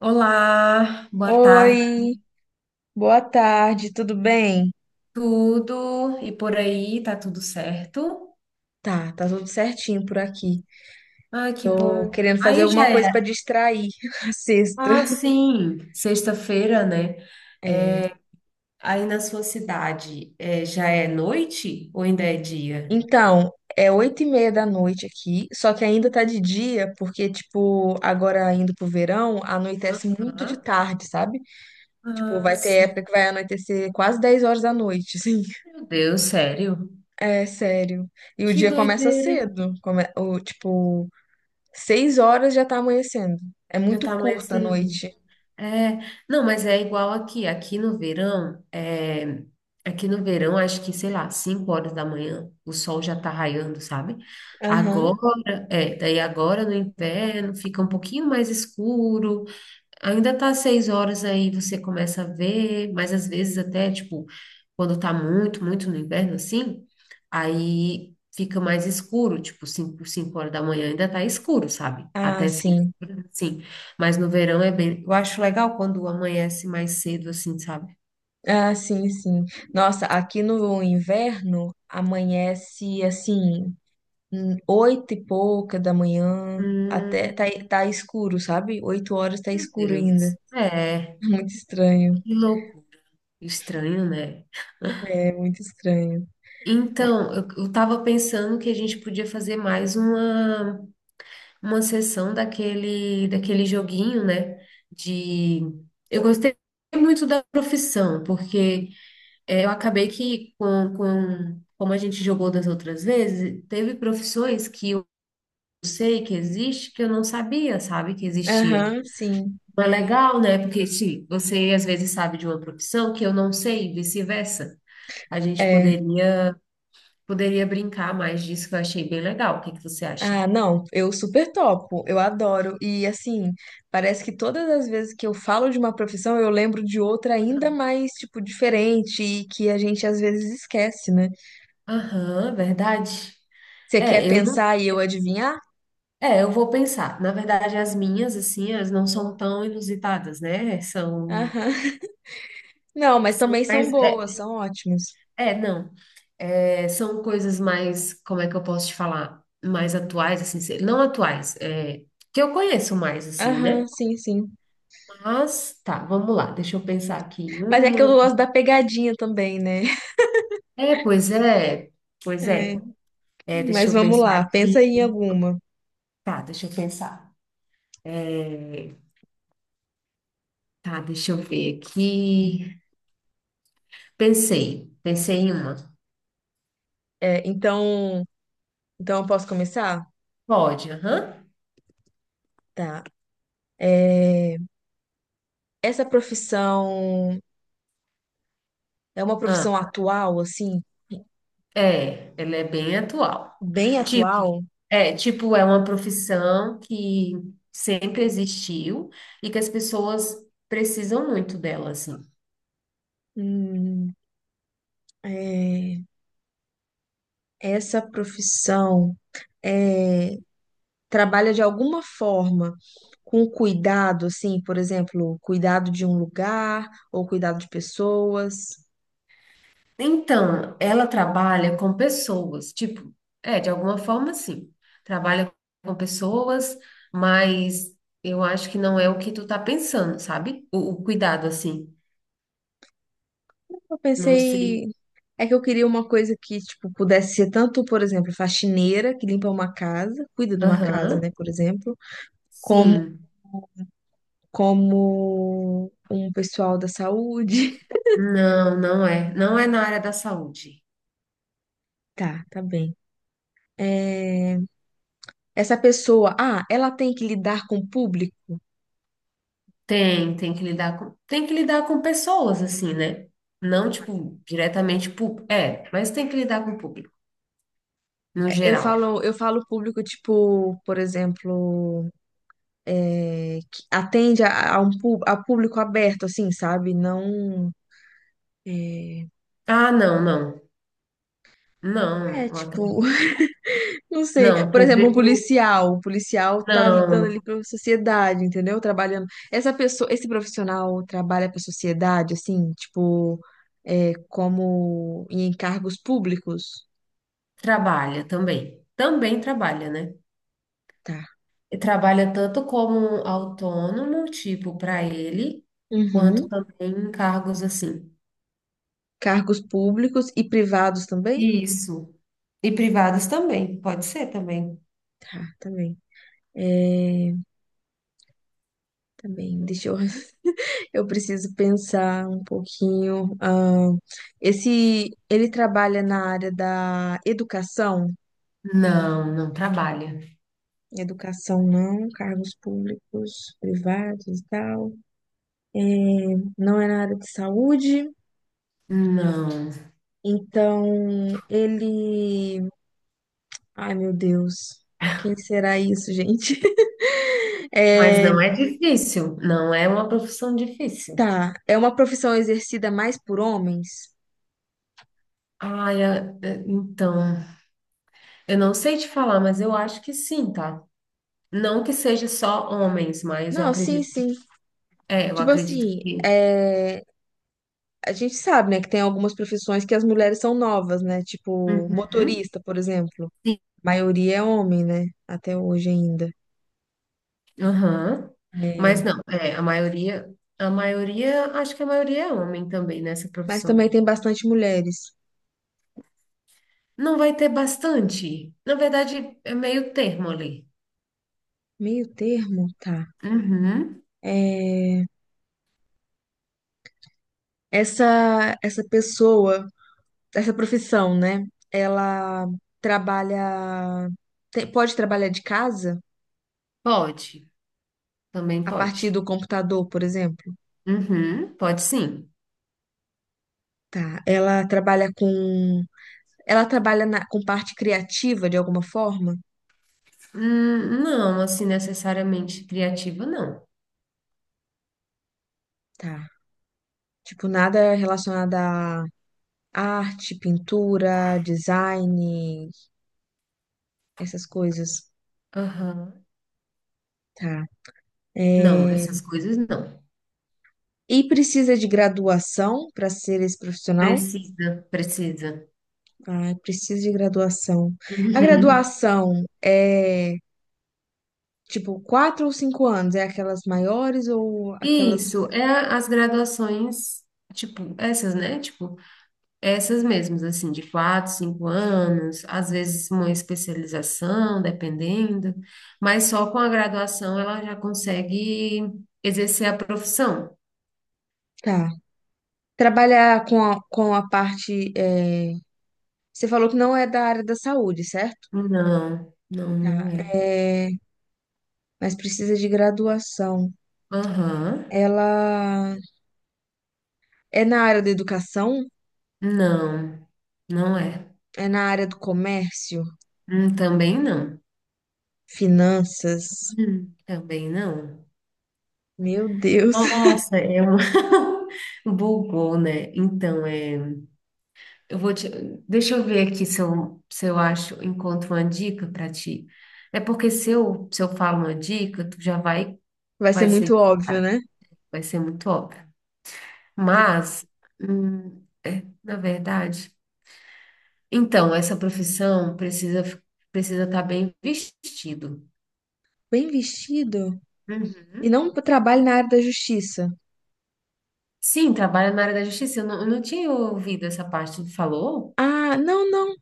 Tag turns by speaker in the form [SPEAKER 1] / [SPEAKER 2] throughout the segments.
[SPEAKER 1] Olá, boa tarde,
[SPEAKER 2] Oi, boa tarde, tudo bem?
[SPEAKER 1] tudo e por aí, tá tudo certo?
[SPEAKER 2] Tá, tá tudo certinho por aqui.
[SPEAKER 1] Ah, que
[SPEAKER 2] Tô
[SPEAKER 1] bom.
[SPEAKER 2] querendo fazer
[SPEAKER 1] Aí já
[SPEAKER 2] alguma coisa pra
[SPEAKER 1] é.
[SPEAKER 2] distrair a sexta.
[SPEAKER 1] Ah, sim, sexta-feira, né? É,
[SPEAKER 2] É.
[SPEAKER 1] aí na sua cidade, já é noite ou ainda é dia?
[SPEAKER 2] Então, é 8:30 da noite aqui, só que ainda tá de dia, porque, tipo, agora indo pro verão, anoitece muito de
[SPEAKER 1] Hã?
[SPEAKER 2] tarde, sabe? Tipo,
[SPEAKER 1] Ah,
[SPEAKER 2] vai ter época
[SPEAKER 1] sim.
[SPEAKER 2] que vai anoitecer quase 10 horas da noite, assim.
[SPEAKER 1] Meu Deus, sério?
[SPEAKER 2] É sério. E o
[SPEAKER 1] Que
[SPEAKER 2] dia começa
[SPEAKER 1] doideira.
[SPEAKER 2] cedo, tipo, 6 horas já tá amanhecendo. É
[SPEAKER 1] Já
[SPEAKER 2] muito
[SPEAKER 1] tá
[SPEAKER 2] curta a
[SPEAKER 1] amanhecendo.
[SPEAKER 2] noite.
[SPEAKER 1] É, não, mas é igual aqui. Aqui no verão, acho que, sei lá, 5 horas da manhã, o sol já tá raiando, sabe?
[SPEAKER 2] Aham.
[SPEAKER 1] Agora, daí agora no inverno fica um pouquinho mais escuro. Ainda tá 6 horas aí, você começa a ver, mas às vezes até, tipo, quando tá muito, muito no inverno, assim, aí fica mais escuro, tipo, cinco horas da manhã ainda tá escuro, sabe?
[SPEAKER 2] Ah,
[SPEAKER 1] Até cinco,
[SPEAKER 2] sim.
[SPEAKER 1] horas, assim. Mas no verão é bem... eu acho legal quando amanhece mais cedo, assim, sabe?
[SPEAKER 2] Ah, sim, sim. Nossa, aqui no inverno amanhece assim, oito e pouca da manhã, até
[SPEAKER 1] Hum,
[SPEAKER 2] tá escuro, sabe? 8 horas tá
[SPEAKER 1] meu
[SPEAKER 2] escuro ainda.
[SPEAKER 1] Deus. É,
[SPEAKER 2] Muito estranho.
[SPEAKER 1] que louco. Estranho, né?
[SPEAKER 2] É, muito estranho.
[SPEAKER 1] Então, eu tava pensando que a gente podia fazer mais uma sessão daquele joguinho, né? De. Eu gostei muito da profissão, porque eu acabei que, como a gente jogou das outras vezes, teve profissões que eu sei que existe, que eu não sabia, sabe, que existia.
[SPEAKER 2] Aham, sim.
[SPEAKER 1] Mas é legal, né? Porque se você às vezes sabe de uma profissão que eu não sei, e vice-versa. A gente
[SPEAKER 2] É.
[SPEAKER 1] poderia brincar mais disso, que eu achei bem legal. O que que você acha?
[SPEAKER 2] Ah, não, eu super topo, eu adoro. E assim, parece que todas as vezes que eu falo de uma profissão, eu lembro de outra ainda mais, tipo, diferente e que a gente às vezes esquece, né?
[SPEAKER 1] Aham, verdade.
[SPEAKER 2] Você
[SPEAKER 1] É,
[SPEAKER 2] quer
[SPEAKER 1] eu
[SPEAKER 2] pensar e eu adivinhar?
[SPEAKER 1] É, eu vou pensar. Na verdade, as minhas, assim, elas não são tão inusitadas, né?
[SPEAKER 2] Aham. Não, mas
[SPEAKER 1] São
[SPEAKER 2] também são
[SPEAKER 1] mais. É,
[SPEAKER 2] boas, são ótimas.
[SPEAKER 1] é, não. É, são coisas mais, como é que eu posso te falar? Mais atuais, assim, não atuais, que eu conheço mais, assim,
[SPEAKER 2] Aham,
[SPEAKER 1] né?
[SPEAKER 2] sim, sim.
[SPEAKER 1] Mas, tá, vamos lá, deixa eu pensar aqui em
[SPEAKER 2] Mas é que eu
[SPEAKER 1] uma.
[SPEAKER 2] gosto da pegadinha também, né?
[SPEAKER 1] É, pois é, pois
[SPEAKER 2] É,
[SPEAKER 1] é. É, deixa
[SPEAKER 2] mas
[SPEAKER 1] eu
[SPEAKER 2] vamos
[SPEAKER 1] pensar
[SPEAKER 2] lá, pensa
[SPEAKER 1] aqui.
[SPEAKER 2] aí em alguma.
[SPEAKER 1] Tá, deixa eu pensar. É, Tá, deixa eu ver aqui. Pensei, pensei em uma.
[SPEAKER 2] É, então, então eu posso começar?
[SPEAKER 1] Pode, aham.
[SPEAKER 2] Tá. É, essa profissão é uma
[SPEAKER 1] Ah,
[SPEAKER 2] profissão atual, assim,
[SPEAKER 1] Ela é bem atual.
[SPEAKER 2] bem
[SPEAKER 1] Tipo,
[SPEAKER 2] atual?
[SPEAKER 1] tipo, é uma profissão que sempre existiu e que as pessoas precisam muito dela, assim.
[SPEAKER 2] Hum, é, essa profissão é trabalha de alguma forma com cuidado, assim, por exemplo, cuidado de um lugar ou cuidado de pessoas.
[SPEAKER 1] Então, ela trabalha com pessoas, tipo, de alguma forma, sim. Trabalha com pessoas, mas eu acho que não é o que tu tá pensando, sabe? O cuidado, assim.
[SPEAKER 2] Eu
[SPEAKER 1] Não sei.
[SPEAKER 2] pensei, é que eu queria uma coisa que, tipo, pudesse ser tanto, por exemplo, faxineira, que limpa uma casa, cuida de uma casa,
[SPEAKER 1] Aham.
[SPEAKER 2] né, por exemplo, como
[SPEAKER 1] Sim.
[SPEAKER 2] como um pessoal da saúde.
[SPEAKER 1] Não, não é. Não é na área da saúde.
[SPEAKER 2] Tá, tá bem. É, Essa pessoa, ela tem que lidar com o público.
[SPEAKER 1] Tem que lidar com pessoas, assim, né? Não, tipo, diretamente público. É, mas tem que lidar com o público, no geral.
[SPEAKER 2] Eu falo público, tipo, por exemplo, que atende a um pú- a público aberto, assim, sabe? Não. É,
[SPEAKER 1] Ah, não, não. Não, eu
[SPEAKER 2] tipo,
[SPEAKER 1] acredito-
[SPEAKER 2] não sei.
[SPEAKER 1] não,
[SPEAKER 2] Por exemplo, um
[SPEAKER 1] público
[SPEAKER 2] policial. O policial tá lidando ali
[SPEAKER 1] não
[SPEAKER 2] pra sociedade, entendeu? Trabalhando. Essa pessoa, esse profissional trabalha pra sociedade, assim, tipo, como em cargos públicos.
[SPEAKER 1] trabalha também. Também trabalha, né?
[SPEAKER 2] Tá.
[SPEAKER 1] E trabalha tanto como autônomo, tipo, para ele, quanto
[SPEAKER 2] Uhum.
[SPEAKER 1] também em cargos assim.
[SPEAKER 2] Cargos públicos e privados também?
[SPEAKER 1] Isso. E privados também, pode ser também.
[SPEAKER 2] Tá, também. É, também. Deixa eu. Eu preciso pensar um pouquinho. Esse, ele trabalha na área da educação?
[SPEAKER 1] Não, não trabalha.
[SPEAKER 2] Educação não, cargos públicos, privados e tal. É, não é na área de saúde.
[SPEAKER 1] Não.
[SPEAKER 2] Então, ele. Ai, meu Deus. Quem será isso, gente?
[SPEAKER 1] Mas
[SPEAKER 2] É,
[SPEAKER 1] não é difícil, não é uma profissão difícil.
[SPEAKER 2] tá. É uma profissão exercida mais por homens?
[SPEAKER 1] Ai, então, eu não sei te falar, mas eu acho que sim, tá? Não que seja só homens, mas eu
[SPEAKER 2] Não, sim,
[SPEAKER 1] acredito,
[SPEAKER 2] sim.
[SPEAKER 1] é, eu
[SPEAKER 2] Tipo
[SPEAKER 1] acredito
[SPEAKER 2] assim,
[SPEAKER 1] que.
[SPEAKER 2] é. A gente sabe, né, que tem algumas profissões que as mulheres são novas, né? Tipo,
[SPEAKER 1] Uhum,
[SPEAKER 2] motorista, por exemplo.
[SPEAKER 1] sim.
[SPEAKER 2] A maioria é homem, né? Até hoje ainda.
[SPEAKER 1] Aham. Mas
[SPEAKER 2] É,
[SPEAKER 1] não, é, a maioria, acho que a maioria é homem também nessa
[SPEAKER 2] mas
[SPEAKER 1] profissão.
[SPEAKER 2] também tem bastante mulheres.
[SPEAKER 1] Não vai ter bastante. Na verdade, é meio termo ali.
[SPEAKER 2] Meio termo, tá.
[SPEAKER 1] Uhum,
[SPEAKER 2] É, essa pessoa, essa profissão, né? Ela trabalha, te- pode trabalhar de casa
[SPEAKER 1] pode, também
[SPEAKER 2] a partir
[SPEAKER 1] pode.
[SPEAKER 2] do computador, por exemplo.
[SPEAKER 1] Uhum, pode sim.
[SPEAKER 2] Tá. Ela trabalha na- com parte criativa de alguma forma.
[SPEAKER 1] Não, assim, necessariamente criativa, não.
[SPEAKER 2] Tá. Tipo, nada relacionado a arte, pintura, design, essas coisas.
[SPEAKER 1] Aham.
[SPEAKER 2] Tá.
[SPEAKER 1] Não,
[SPEAKER 2] É,
[SPEAKER 1] essas coisas não.
[SPEAKER 2] E precisa de graduação para ser esse profissional?
[SPEAKER 1] Precisa, precisa.
[SPEAKER 2] Ah, precisa de graduação. A
[SPEAKER 1] Uhum.
[SPEAKER 2] graduação é tipo 4 ou 5 anos? É aquelas maiores ou aquelas.
[SPEAKER 1] Isso, é as graduações, tipo, essas, né? Tipo, essas mesmas, assim, de 4, 5 anos, às vezes uma especialização, dependendo, mas só com a graduação ela já consegue exercer a profissão.
[SPEAKER 2] Tá. Com a parte. Você falou que não é da área da saúde, certo?
[SPEAKER 1] Não, não, não é.
[SPEAKER 2] É, mas precisa de graduação.
[SPEAKER 1] Aham,
[SPEAKER 2] Ela. É na área da educação?
[SPEAKER 1] não, não é.
[SPEAKER 2] É na área do comércio?
[SPEAKER 1] Também não.
[SPEAKER 2] Finanças?
[SPEAKER 1] Também não.
[SPEAKER 2] Meu Deus.
[SPEAKER 1] Nossa, é um... Bugou, né? Então, é... eu vou te... Deixa eu ver aqui se eu acho, encontro uma dica para ti. É porque se eu falo uma dica, tu já vai,
[SPEAKER 2] Vai ser
[SPEAKER 1] vai
[SPEAKER 2] muito
[SPEAKER 1] ser,
[SPEAKER 2] óbvio, né?
[SPEAKER 1] vai ser muito óbvio.
[SPEAKER 2] Entendi.
[SPEAKER 1] Mas, na verdade... Então, essa profissão precisa estar bem vestido.
[SPEAKER 2] Bem vestido? E
[SPEAKER 1] Uhum.
[SPEAKER 2] não trabalho na área da justiça.
[SPEAKER 1] Sim, trabalha na área da justiça. Eu não tinha ouvido essa parte. Tu falou?
[SPEAKER 2] Ah, não, não.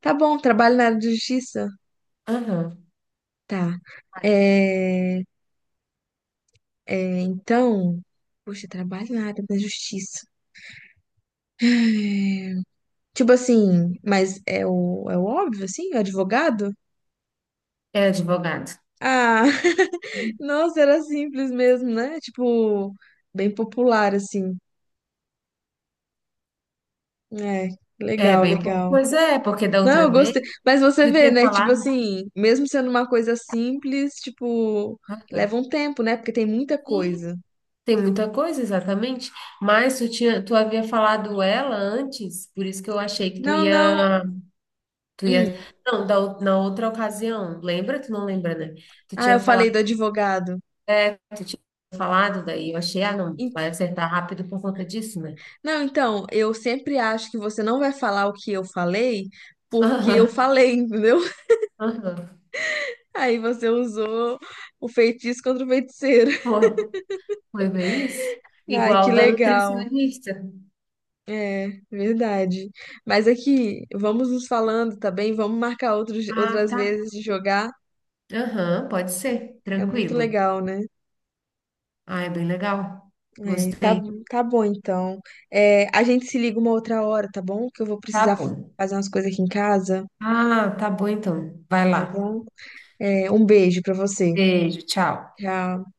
[SPEAKER 2] Tá bom, trabalho na área da justiça.
[SPEAKER 1] Aham.
[SPEAKER 2] Tá.
[SPEAKER 1] Olha,
[SPEAKER 2] É, então. Poxa, trabalho na área da justiça. Tipo assim, mas é é o óbvio, assim? O advogado?
[SPEAKER 1] é advogado.
[SPEAKER 2] Ah, Nossa, era simples mesmo, né? Tipo, bem popular, assim. É,
[SPEAKER 1] É
[SPEAKER 2] legal,
[SPEAKER 1] bem.
[SPEAKER 2] legal.
[SPEAKER 1] Pois é, porque da
[SPEAKER 2] Não,
[SPEAKER 1] outra
[SPEAKER 2] eu
[SPEAKER 1] vez
[SPEAKER 2] gostei. Mas você
[SPEAKER 1] tu
[SPEAKER 2] vê,
[SPEAKER 1] tinha
[SPEAKER 2] né? Tipo
[SPEAKER 1] falado.
[SPEAKER 2] assim, mesmo sendo uma coisa simples, tipo,
[SPEAKER 1] Aham.
[SPEAKER 2] leva um tempo, né? Porque tem muita
[SPEAKER 1] Sim,
[SPEAKER 2] coisa.
[SPEAKER 1] tem muita coisa, exatamente. Mas tu tinha, tu havia falado ela antes, por isso que eu achei que tu
[SPEAKER 2] Não, não.
[SPEAKER 1] ia, tu ia.
[SPEAKER 2] Hum.
[SPEAKER 1] Não, na outra ocasião. Lembra? Tu não lembra, né? Tu
[SPEAKER 2] Ah,
[SPEAKER 1] tinha
[SPEAKER 2] eu falei do advogado.
[SPEAKER 1] tu tinha falado, daí eu achei, ah, não,
[SPEAKER 2] En-
[SPEAKER 1] vai acertar rápido por conta disso, né?
[SPEAKER 2] Não, então, eu sempre acho que você não vai falar o que eu falei, porque eu
[SPEAKER 1] Aham,
[SPEAKER 2] falei, entendeu?
[SPEAKER 1] aham.
[SPEAKER 2] Aí você usou o feitiço contra o feiticeiro.
[SPEAKER 1] Foi. Foi bem isso?
[SPEAKER 2] Ai, que
[SPEAKER 1] Igual da Tá.
[SPEAKER 2] legal.
[SPEAKER 1] nutricionista.
[SPEAKER 2] É, verdade. Mas aqui, vamos nos falando, tá bem? Vamos marcar
[SPEAKER 1] Ah,
[SPEAKER 2] outras
[SPEAKER 1] tá.
[SPEAKER 2] vezes de jogar.
[SPEAKER 1] Aham, pode ser.
[SPEAKER 2] É muito
[SPEAKER 1] Tranquilo.
[SPEAKER 2] legal, né?
[SPEAKER 1] Ah, é bem legal.
[SPEAKER 2] É, tá,
[SPEAKER 1] Gostei.
[SPEAKER 2] tá bom, então. É, a gente se liga uma outra hora, tá bom? Que eu vou
[SPEAKER 1] Tá
[SPEAKER 2] precisar
[SPEAKER 1] bom.
[SPEAKER 2] fazer umas coisas aqui em casa,
[SPEAKER 1] Ah, tá bom então. Vai
[SPEAKER 2] tá
[SPEAKER 1] lá.
[SPEAKER 2] bom? É, um beijo pra você.
[SPEAKER 1] Beijo, tchau.
[SPEAKER 2] Tchau.